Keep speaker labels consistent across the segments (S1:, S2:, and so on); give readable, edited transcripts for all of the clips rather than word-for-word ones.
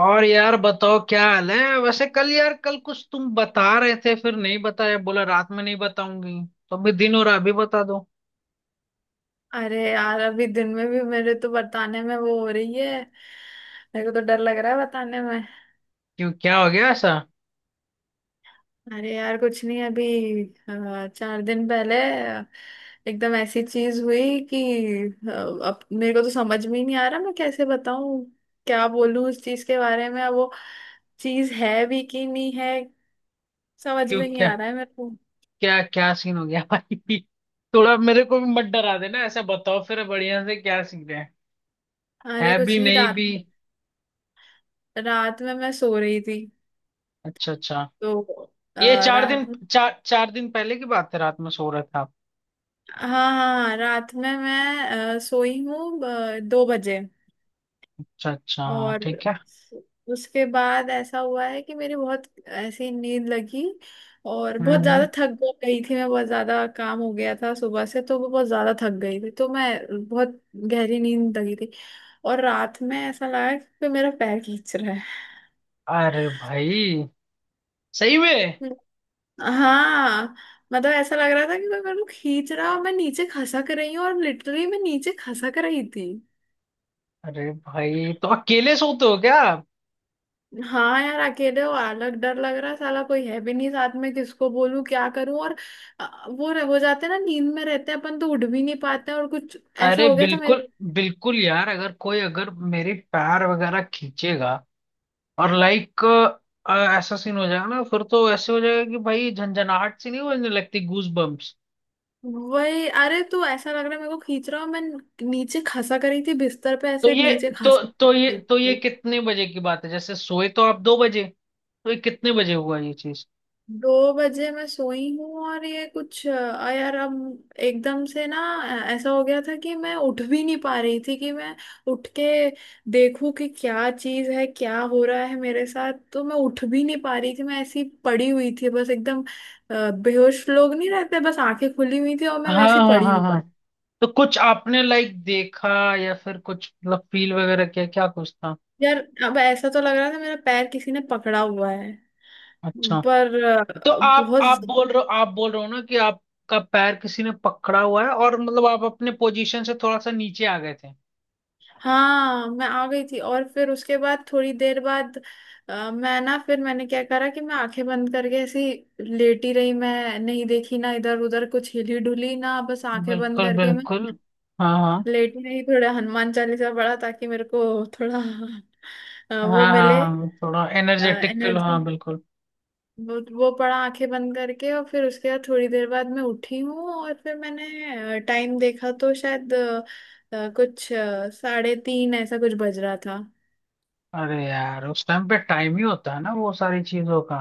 S1: और यार बताओ, क्या हाल है? वैसे कल, यार कल कुछ तुम बता रहे थे, फिर नहीं बताया, बोला रात में नहीं बताऊंगी। तो अभी दिन हो रहा, अभी बता दो।
S2: अरे यार अभी दिन में भी मेरे तो बताने में वो हो रही है। मेरे को तो डर लग रहा है बताने में।
S1: क्यों, क्या हो गया ऐसा?
S2: अरे यार कुछ नहीं अभी। चार दिन पहले अ, एकदम ऐसी चीज हुई कि अ, अब मेरे को तो समझ में ही नहीं आ रहा, मैं कैसे बताऊं, क्या बोलूं उस चीज के बारे में। अब वो चीज है भी कि नहीं है, समझ
S1: क्यों?
S2: में नहीं
S1: क्या
S2: आ रहा है मेरे को।
S1: क्या क्या सीन हो गया भाई? थोड़ा मेरे को भी मत डरा देना, ऐसा बताओ फिर बढ़िया से क्या सीन है।
S2: अरे
S1: है भी
S2: कुछ नहीं।
S1: नहीं
S2: रात
S1: भी?
S2: रात में मैं सो रही थी।
S1: अच्छा, अच्छा।
S2: तो अ,
S1: ये चार
S2: रात
S1: दिन चार 4 दिन पहले की बात है, रात में सो रहे थे आप?
S2: हाँ, हाँ, रात में मैं सोई हूँ 2 बजे।
S1: अच्छा अच्छा, हाँ
S2: और
S1: ठीक है।
S2: उसके बाद ऐसा हुआ है कि मेरी बहुत ऐसी नींद लगी, और बहुत
S1: हम्म,
S2: ज्यादा थक गई थी। मैं बहुत ज्यादा काम हो गया था सुबह से, तो वो बहुत ज्यादा थक गई थी, तो मैं बहुत गहरी नींद लगी थी। और रात में ऐसा लगा कि मेरा पैर खींच रहा है।
S1: अरे भाई, सही में?
S2: हाँ। मतलब ऐसा लग रहा था कि कोई मेरे को खींच रहा है और मैं नीचे खसक रही हूँ, और लिटरली मैं नीचे खसक रही थी।
S1: अरे भाई, तो अकेले सोते हो क्या?
S2: हाँ यार, अकेले हो अलग डर लग रहा है, साला कोई है भी नहीं साथ में, किसको बोलूं क्या करूं। और वो हो जाते हैं ना, नींद में रहते हैं अपन, तो उठ भी नहीं पाते हैं, और कुछ ऐसा
S1: अरे,
S2: हो गया था मैं।
S1: बिल्कुल। बिल्कुल यार, अगर कोई अगर मेरे पैर वगैरह खींचेगा और लाइक ऐसा सीन हो जाएगा ना, फिर तो ऐसे हो जाएगा कि भाई झंझनाहट सी नहीं होने लगती, गूज बम्प्स।
S2: वही, अरे तू, ऐसा लग रहा है मेरे को खींच रहा हूँ मैं नीचे। खसा करी थी बिस्तर पे,
S1: तो
S2: ऐसे
S1: ये
S2: नीचे खस।
S1: तो ये कितने बजे की बात है? जैसे सोए तो आप 2 बजे? तो ये कितने बजे हुआ ये चीज?
S2: 2 बजे मैं सोई हूँ और ये कुछ यार, अब एकदम से ना ऐसा हो गया था कि मैं उठ भी नहीं पा रही थी कि मैं उठ के देखूं कि क्या चीज़ है, क्या हो रहा है मेरे साथ। तो मैं उठ भी नहीं पा रही थी, मैं ऐसी पड़ी हुई थी बस एकदम, बेहोश लोग नहीं रहते, बस आंखें खुली हुई थी और मैं
S1: हाँ
S2: वैसी
S1: हाँ
S2: पड़ी
S1: हाँ
S2: हुई।
S1: हाँ। तो कुछ आपने लाइक देखा या फिर कुछ मतलब फील वगैरह किया, क्या कुछ था?
S2: यार अब ऐसा तो लग रहा था मेरा पैर किसी ने पकड़ा हुआ है,
S1: अच्छा।
S2: पर
S1: तो आप
S2: बहुत।
S1: आप बोल रहे हो, आप बोल रहे हो ना कि आपका पैर किसी ने पकड़ा हुआ है और मतलब आप अपने पोजीशन से थोड़ा सा नीचे आ गए थे?
S2: हाँ मैं आ गई थी, और फिर उसके बाद थोड़ी देर बाद मैं ना, फिर मैंने क्या करा कि मैं आंखें बंद करके ऐसी लेटी रही। मैं नहीं देखी ना इधर उधर, कुछ हिली डुली ना, बस आंखें बंद
S1: बिल्कुल,
S2: करके मैं
S1: बिल्कुल। हाँ हाँ
S2: लेटी रही। थोड़ा हनुमान चालीसा पढ़ा ताकि मेरे को थोड़ा
S1: हाँ
S2: वो
S1: हाँ हाँ
S2: मिले,
S1: हाँ। थोड़ा एनर्जेटिक फील,
S2: एनर्जी।
S1: हाँ बिल्कुल।
S2: वो पढ़ा आंखें बंद करके, और फिर उसके बाद थोड़ी देर बाद मैं उठी हूँ और फिर मैंने टाइम देखा, तो शायद कुछ 3:30 ऐसा कुछ बज रहा था।
S1: अरे यार, उस टाइम पे टाइम ही होता है ना वो सारी चीजों का।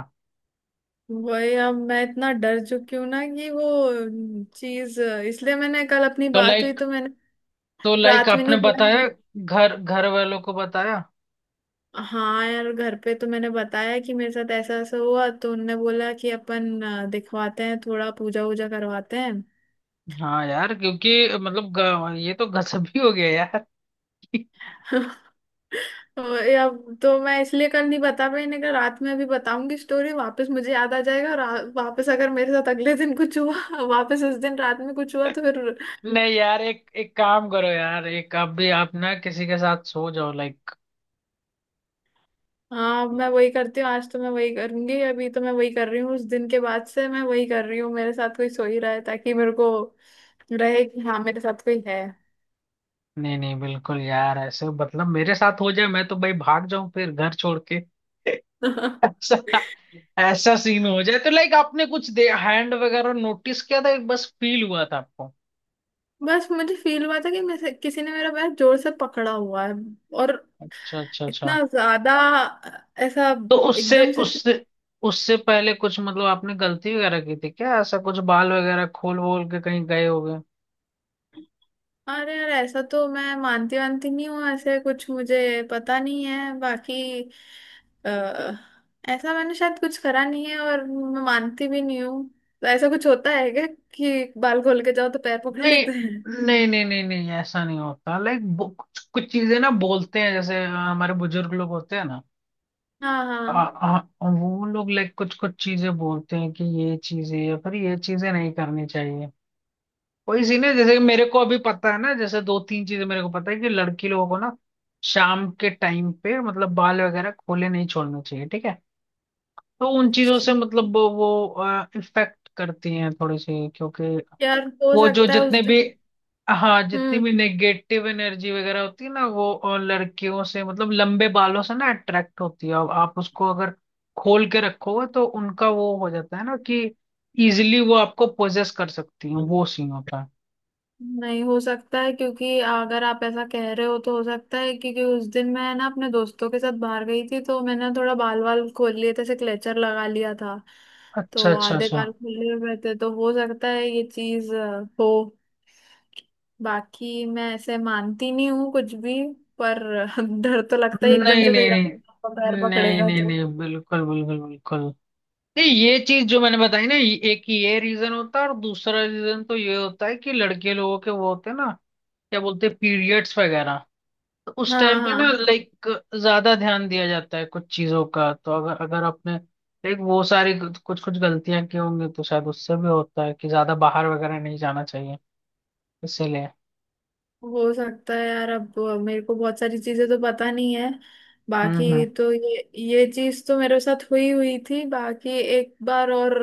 S2: वही, अब मैं इतना डर चुकी हूँ ना कि वो चीज, इसलिए मैंने कल अपनी
S1: तो
S2: बात हुई
S1: लाइक
S2: तो मैंने
S1: तो लाइक
S2: रात में नहीं
S1: आपने
S2: बोला
S1: बताया,
S2: मैंने।
S1: घर घर वालों को बताया?
S2: हाँ यार, घर पे तो मैंने बताया कि मेरे साथ ऐसा ऐसा हुआ, तो उनने बोला कि अपन दिखवाते हैं, थोड़ा पूजा वूजा करवाते हैं।
S1: हाँ यार, क्योंकि मतलब ये तो गजब ही हो गया यार।
S2: वही, अब तो मैं इसलिए कल नहीं बता पाई, नहीं कहा रात में, अभी बताऊंगी स्टोरी वापस मुझे याद आ जाएगा, और वापस अगर मेरे साथ अगले दिन कुछ हुआ, वापस उस दिन रात में कुछ हुआ तो फिर।
S1: नहीं यार, एक एक काम करो यार, एक आप भी आप ना किसी के साथ सो जाओ लाइक।
S2: हाँ, अब मैं वही करती हूँ, आज तो मैं वही करूंगी, अभी तो मैं वही कर रही हूँ उस दिन के बाद से। मैं वही कर रही हूँ, मेरे साथ कोई सो ही रहा है, ताकि मेरे को रहे कि हाँ मेरे साथ कोई है।
S1: नहीं नहीं, बिल्कुल यार, ऐसे मतलब मेरे साथ हो जाए मैं तो भाई भाग जाऊं फिर घर छोड़ के। ऐसा ऐसा सीन हो जाए तो लाइक आपने कुछ दे हैंड वगैरह नोटिस किया था, बस फील हुआ था आपको?
S2: बस मुझे फील हुआ था कि किसी ने मेरा पैर जोर से पकड़ा हुआ है, और
S1: अच्छा, अच्छा, अच्छा।
S2: इतना ज्यादा, ऐसा
S1: तो उससे
S2: एकदम से।
S1: उससे उससे पहले कुछ मतलब आपने गलती वगैरह की थी क्या? ऐसा कुछ बाल वगैरह खोल वोल के कहीं गए होगे?
S2: अरे यार, ऐसा तो मैं मानती वानती नहीं हूँ, ऐसे कुछ मुझे पता नहीं है। बाकी अ, ऐसा मैंने शायद कुछ करा नहीं है, और मैं मानती भी नहीं हूँ। तो ऐसा कुछ होता है क्या कि बाल खोल के जाओ तो पैर पकड़
S1: नहीं,
S2: लेते हैं?
S1: नहीं, नहीं, नहीं, नहीं, ऐसा नहीं होता लाइक। कुछ कुछ चीजें ना बोलते हैं, जैसे हमारे बुजुर्ग लोग होते हैं ना।
S2: हाँ,
S1: आ,
S2: हाँ,
S1: आ, वो लोग लाइक कुछ कुछ चीजें बोलते हैं कि ये चीजें या फिर ये चीजें नहीं करनी चाहिए। वही सीन है, जैसे कि मेरे को अभी पता है ना, जैसे दो तीन चीजें मेरे को पता है कि लड़की लोगों को ना शाम के टाइम पे मतलब बाल वगैरह खोले नहीं छोड़ने चाहिए, ठीक है? तो उन चीजों
S2: अच्छा।
S1: से मतलब वो इफेक्ट करती हैं थोड़ी सी, क्योंकि
S2: यार हो
S1: वो जो
S2: सकता है उस
S1: जितने भी
S2: दिन।
S1: हाँ, जितनी
S2: हम्म।
S1: भी नेगेटिव एनर्जी वगैरह होती है ना, वो लड़कियों से मतलब लंबे बालों से ना अट्रैक्ट होती है, अब आप उसको अगर खोल के रखोगे तो उनका वो हो जाता है ना कि इजिली वो आपको पोजेस कर सकती है, वो सीन होता है।
S2: नहीं हो सकता है, क्योंकि अगर आप ऐसा कह रहे हो तो हो सकता है, क्योंकि उस दिन मैं ना अपने दोस्तों के साथ बाहर गई थी, तो मैंने थोड़ा बाल वाल खोल लिए थे, ऐसे क्लेचर लगा लिया था।
S1: अच्छा,
S2: तो
S1: अच्छा,
S2: आधे
S1: अच्छा।
S2: बाल खुले हुए थे, तो हो सकता है ये चीज हो। बाकी मैं ऐसे मानती नहीं हूँ कुछ भी, पर डर तो लगता है,
S1: नहीं,
S2: एकदम
S1: नहीं,
S2: से कोई रात
S1: नहीं,
S2: को पैर
S1: नहीं,
S2: पकड़ेगा
S1: नहीं,
S2: तो।
S1: नहीं बिल्कुल, बिल्कुल, बिल्कुल। नहीं, ये चीज जो मैंने बताई ना, एक ये रीजन होता है और दूसरा रीजन तो ये होता है कि लड़के लोगों के वो होते हैं ना, क्या बोलते हैं, पीरियड्स वगैरह। तो उस
S2: हाँ,
S1: टाइम पे ना
S2: हाँ,
S1: लाइक ज्यादा ध्यान दिया जाता है कुछ चीजों का, तो अगर अगर आपने लाइक वो सारी कुछ कुछ गलतियां की होंगी तो शायद उससे भी होता है कि ज्यादा बाहर वगैरह नहीं जाना चाहिए, इसीलिए।
S2: हो सकता है यार। अब मेरे को बहुत सारी चीजें तो पता नहीं है,
S1: हम्म, हम्म।
S2: बाकी तो ये चीज तो मेरे साथ हुई हुई थी। बाकी एक बार और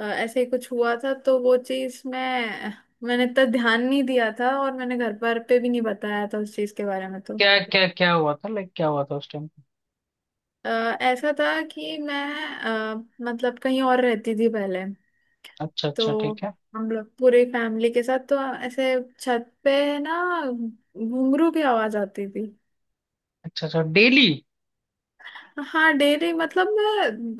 S2: ऐसे ही कुछ हुआ था, तो वो चीज मैंने इतना ध्यान नहीं दिया था, और मैंने घर पर पे भी नहीं बताया था उस चीज के बारे में। तो
S1: क्या क्या क्या हुआ था लाइक, क्या हुआ था उस टाइम?
S2: अ, ऐसा था कि मैं मतलब कहीं और रहती थी पहले।
S1: अच्छा अच्छा,
S2: तो
S1: ठीक है।
S2: हम लोग पूरी फैमिली के साथ तो ऐसे छत पे ना, घुंघरू की आवाज आती थी।
S1: अच्छा अच्छा, डेली?
S2: हाँ डेली, मतलब मैं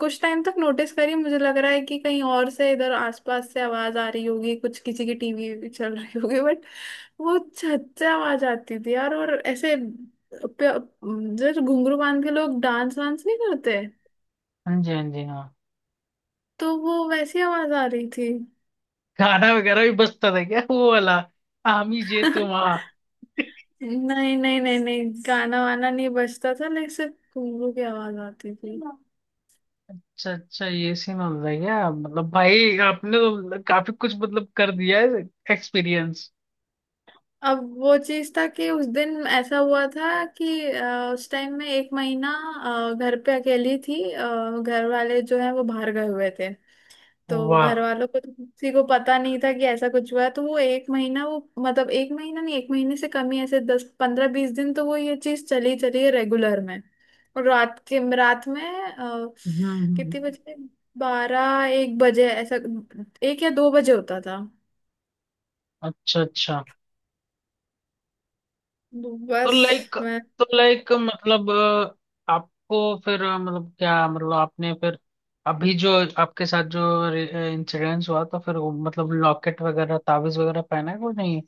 S2: कुछ टाइम तक नोटिस करी, मुझे लग रहा है कि कहीं और से इधर आसपास से आवाज आ रही होगी, कुछ किसी की टीवी चल रही होगी, बट वो छच्चे आवाज आती थी यार। और ऐसे जो घुंघरू बांध के लोग डांस वांस नहीं करते,
S1: हाँ जी, हाँ जी, हाँ।
S2: तो वो वैसी आवाज आ रही थी।
S1: गाना वगैरह भी बजता था क्या, वो वाला आमी जे तुम आ?
S2: नहीं, नहीं, नहीं, नहीं, गाना वाना नहीं बजता था, लेकिन सिर्फ घुंघरू की आवाज आती थी।
S1: अच्छा अच्छा, ये सीन हो रहा है क्या? मतलब भाई आपने तो काफी कुछ मतलब कर दिया है, एक्सपीरियंस।
S2: अब वो चीज था कि उस दिन ऐसा हुआ था कि उस टाइम में 1 महीना घर पे अकेली थी। घर वाले जो है वो बाहर गए हुए थे, तो
S1: वाह।
S2: घर वालों को तो किसी को पता नहीं था कि ऐसा कुछ हुआ है। तो वो 1 महीना, वो मतलब 1 महीना नहीं, 1 महीने से कम ही, ऐसे 10-15-20 दिन तो वो ये चीज चली चली है रेगुलर में। और रात के रात में अ,
S1: हम्म हम्म,
S2: कितने
S1: हम्म।
S2: बजे, 12-1 बजे ऐसा, 1 या 2 बजे होता था
S1: अच्छा, अच्छा। तो
S2: बस
S1: लाइक
S2: मैं।
S1: तो लाइक मतलब आपको फिर मतलब क्या, मतलब आपने फिर अभी जो आपके साथ जो इंसिडेंस हुआ तो फिर वो मतलब लॉकेट वगैरह ताबीज वगैरह पहना है वो नहीं?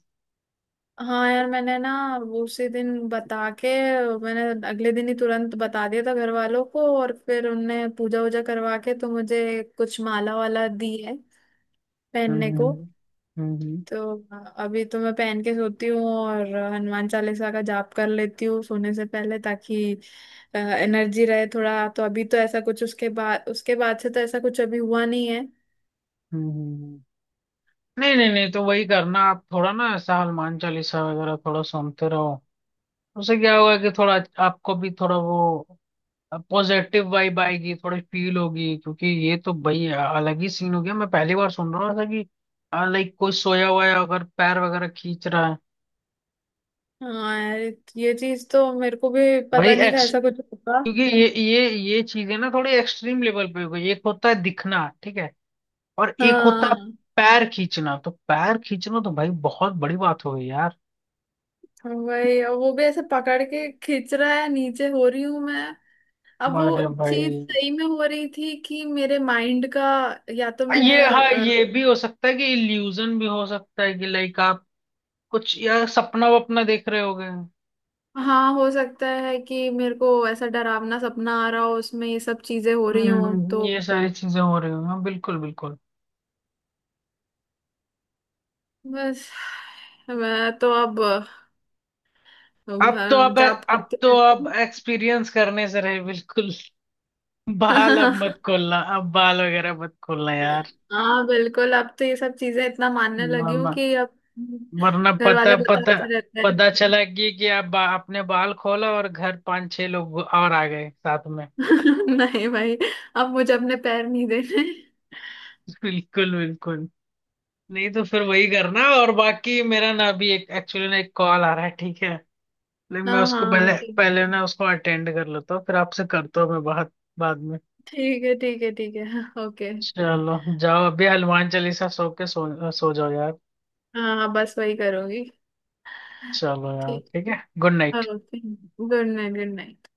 S2: हाँ यार, मैंने ना वो उसी दिन बता के, मैंने अगले दिन ही तुरंत बता दिया था घर वालों को, और फिर उनने पूजा वूजा करवा के तो मुझे कुछ माला वाला दी है पहनने को।
S1: हम्म, हम्म हम्म,
S2: तो अभी तो मैं पहन के सोती हूँ और हनुमान चालीसा का जाप कर लेती हूँ सोने से पहले, ताकि एनर्जी रहे थोड़ा। तो अभी तो ऐसा कुछ उसके बाद, उसके बाद से तो ऐसा कुछ अभी हुआ नहीं है।
S1: हम्म, हम्म। नहीं, नहीं, नहीं, तो वही करना। आप थोड़ा ना ऐसा हनुमान चालीसा वगैरह थोड़ा सुनते रहो, उससे क्या होगा कि थोड़ा आपको भी थोड़ा वो, अब पॉजिटिव वाइब आएगी, थोड़ी फील होगी। क्योंकि ये तो भाई अलग ही सीन हो गया, मैं पहली बार सुन रहा हूँ ऐसा कि लाइक कोई सोया हुआ है अगर पैर वगैरह खींच रहा है।
S2: हाँ यार, ये चीज तो मेरे को भी
S1: भाई
S2: पता नहीं था
S1: एक्स
S2: ऐसा कुछ होगा।
S1: क्योंकि ये चीजें ना थोड़ी एक्सट्रीम लेवल पे हो गई। एक होता है दिखना, ठीक है, और एक होता है
S2: हाँ।
S1: पैर खींचना। तो पैर खींचना तो भाई बहुत बड़ी बात हो गई यार।
S2: वही, और वो भी ऐसे पकड़ के खींच रहा है, नीचे हो रही हूं मैं। अब वो
S1: अरे
S2: चीज
S1: भाई।
S2: सही में हो रही थी कि मेरे माइंड का, या तो मैंने
S1: ये हाँ, ये भी हो सकता है कि इल्यूजन भी हो सकता है कि लाइक आप कुछ यार सपना वपना देख रहे होगे।
S2: हाँ, हो सकता है कि मेरे को ऐसा डरावना सपना आ रहा हो, उसमें ये सब चीजें हो रही हो तो।
S1: ये सारी चीजें हो रही हैं, हाँ, बिल्कुल, बिल्कुल।
S2: बस मैं तो अब
S1: अब तो अब
S2: जाप
S1: अब तो
S2: करके।
S1: अब एक्सपीरियंस करने से रहे, बिल्कुल। बाल अब मत खोलना, अब बाल वगैरह मत खोलना यार।
S2: हाँ बिल्कुल, अब तो ये सब चीजें इतना मानने लगी हूँ
S1: वरना
S2: कि अब
S1: वरना
S2: घर
S1: पता
S2: वाले
S1: पता
S2: बताते रहते।
S1: पता चला कि आप आपने बाल खोला और घर पांच छह लोग और आ गए साथ में।
S2: नहीं भाई, अब मुझे अपने पैर नहीं देने।
S1: बिल्कुल, बिल्कुल। नहीं तो फिर वही करना, और बाकी मेरा ना अभी एक एक्चुअली ना एक कॉल आ रहा है, ठीक है? लेकिन मैं
S2: हाँ,
S1: उसको
S2: हाँ,
S1: पहले
S2: ठीक।
S1: पहले ना उसको अटेंड कर लेता हूँ, फिर आपसे करता हूँ मैं बात बाद में।
S2: ठीक है, ठीक है, ठीक है, ओके।
S1: चलो जाओ अभी हनुमान चालीसा, सो जाओ यार।
S2: हाँ, हाँ, बस वही करूंगी।
S1: चलो यार,
S2: ठीक,
S1: ठीक है, good night.
S2: Okay, good night, good night.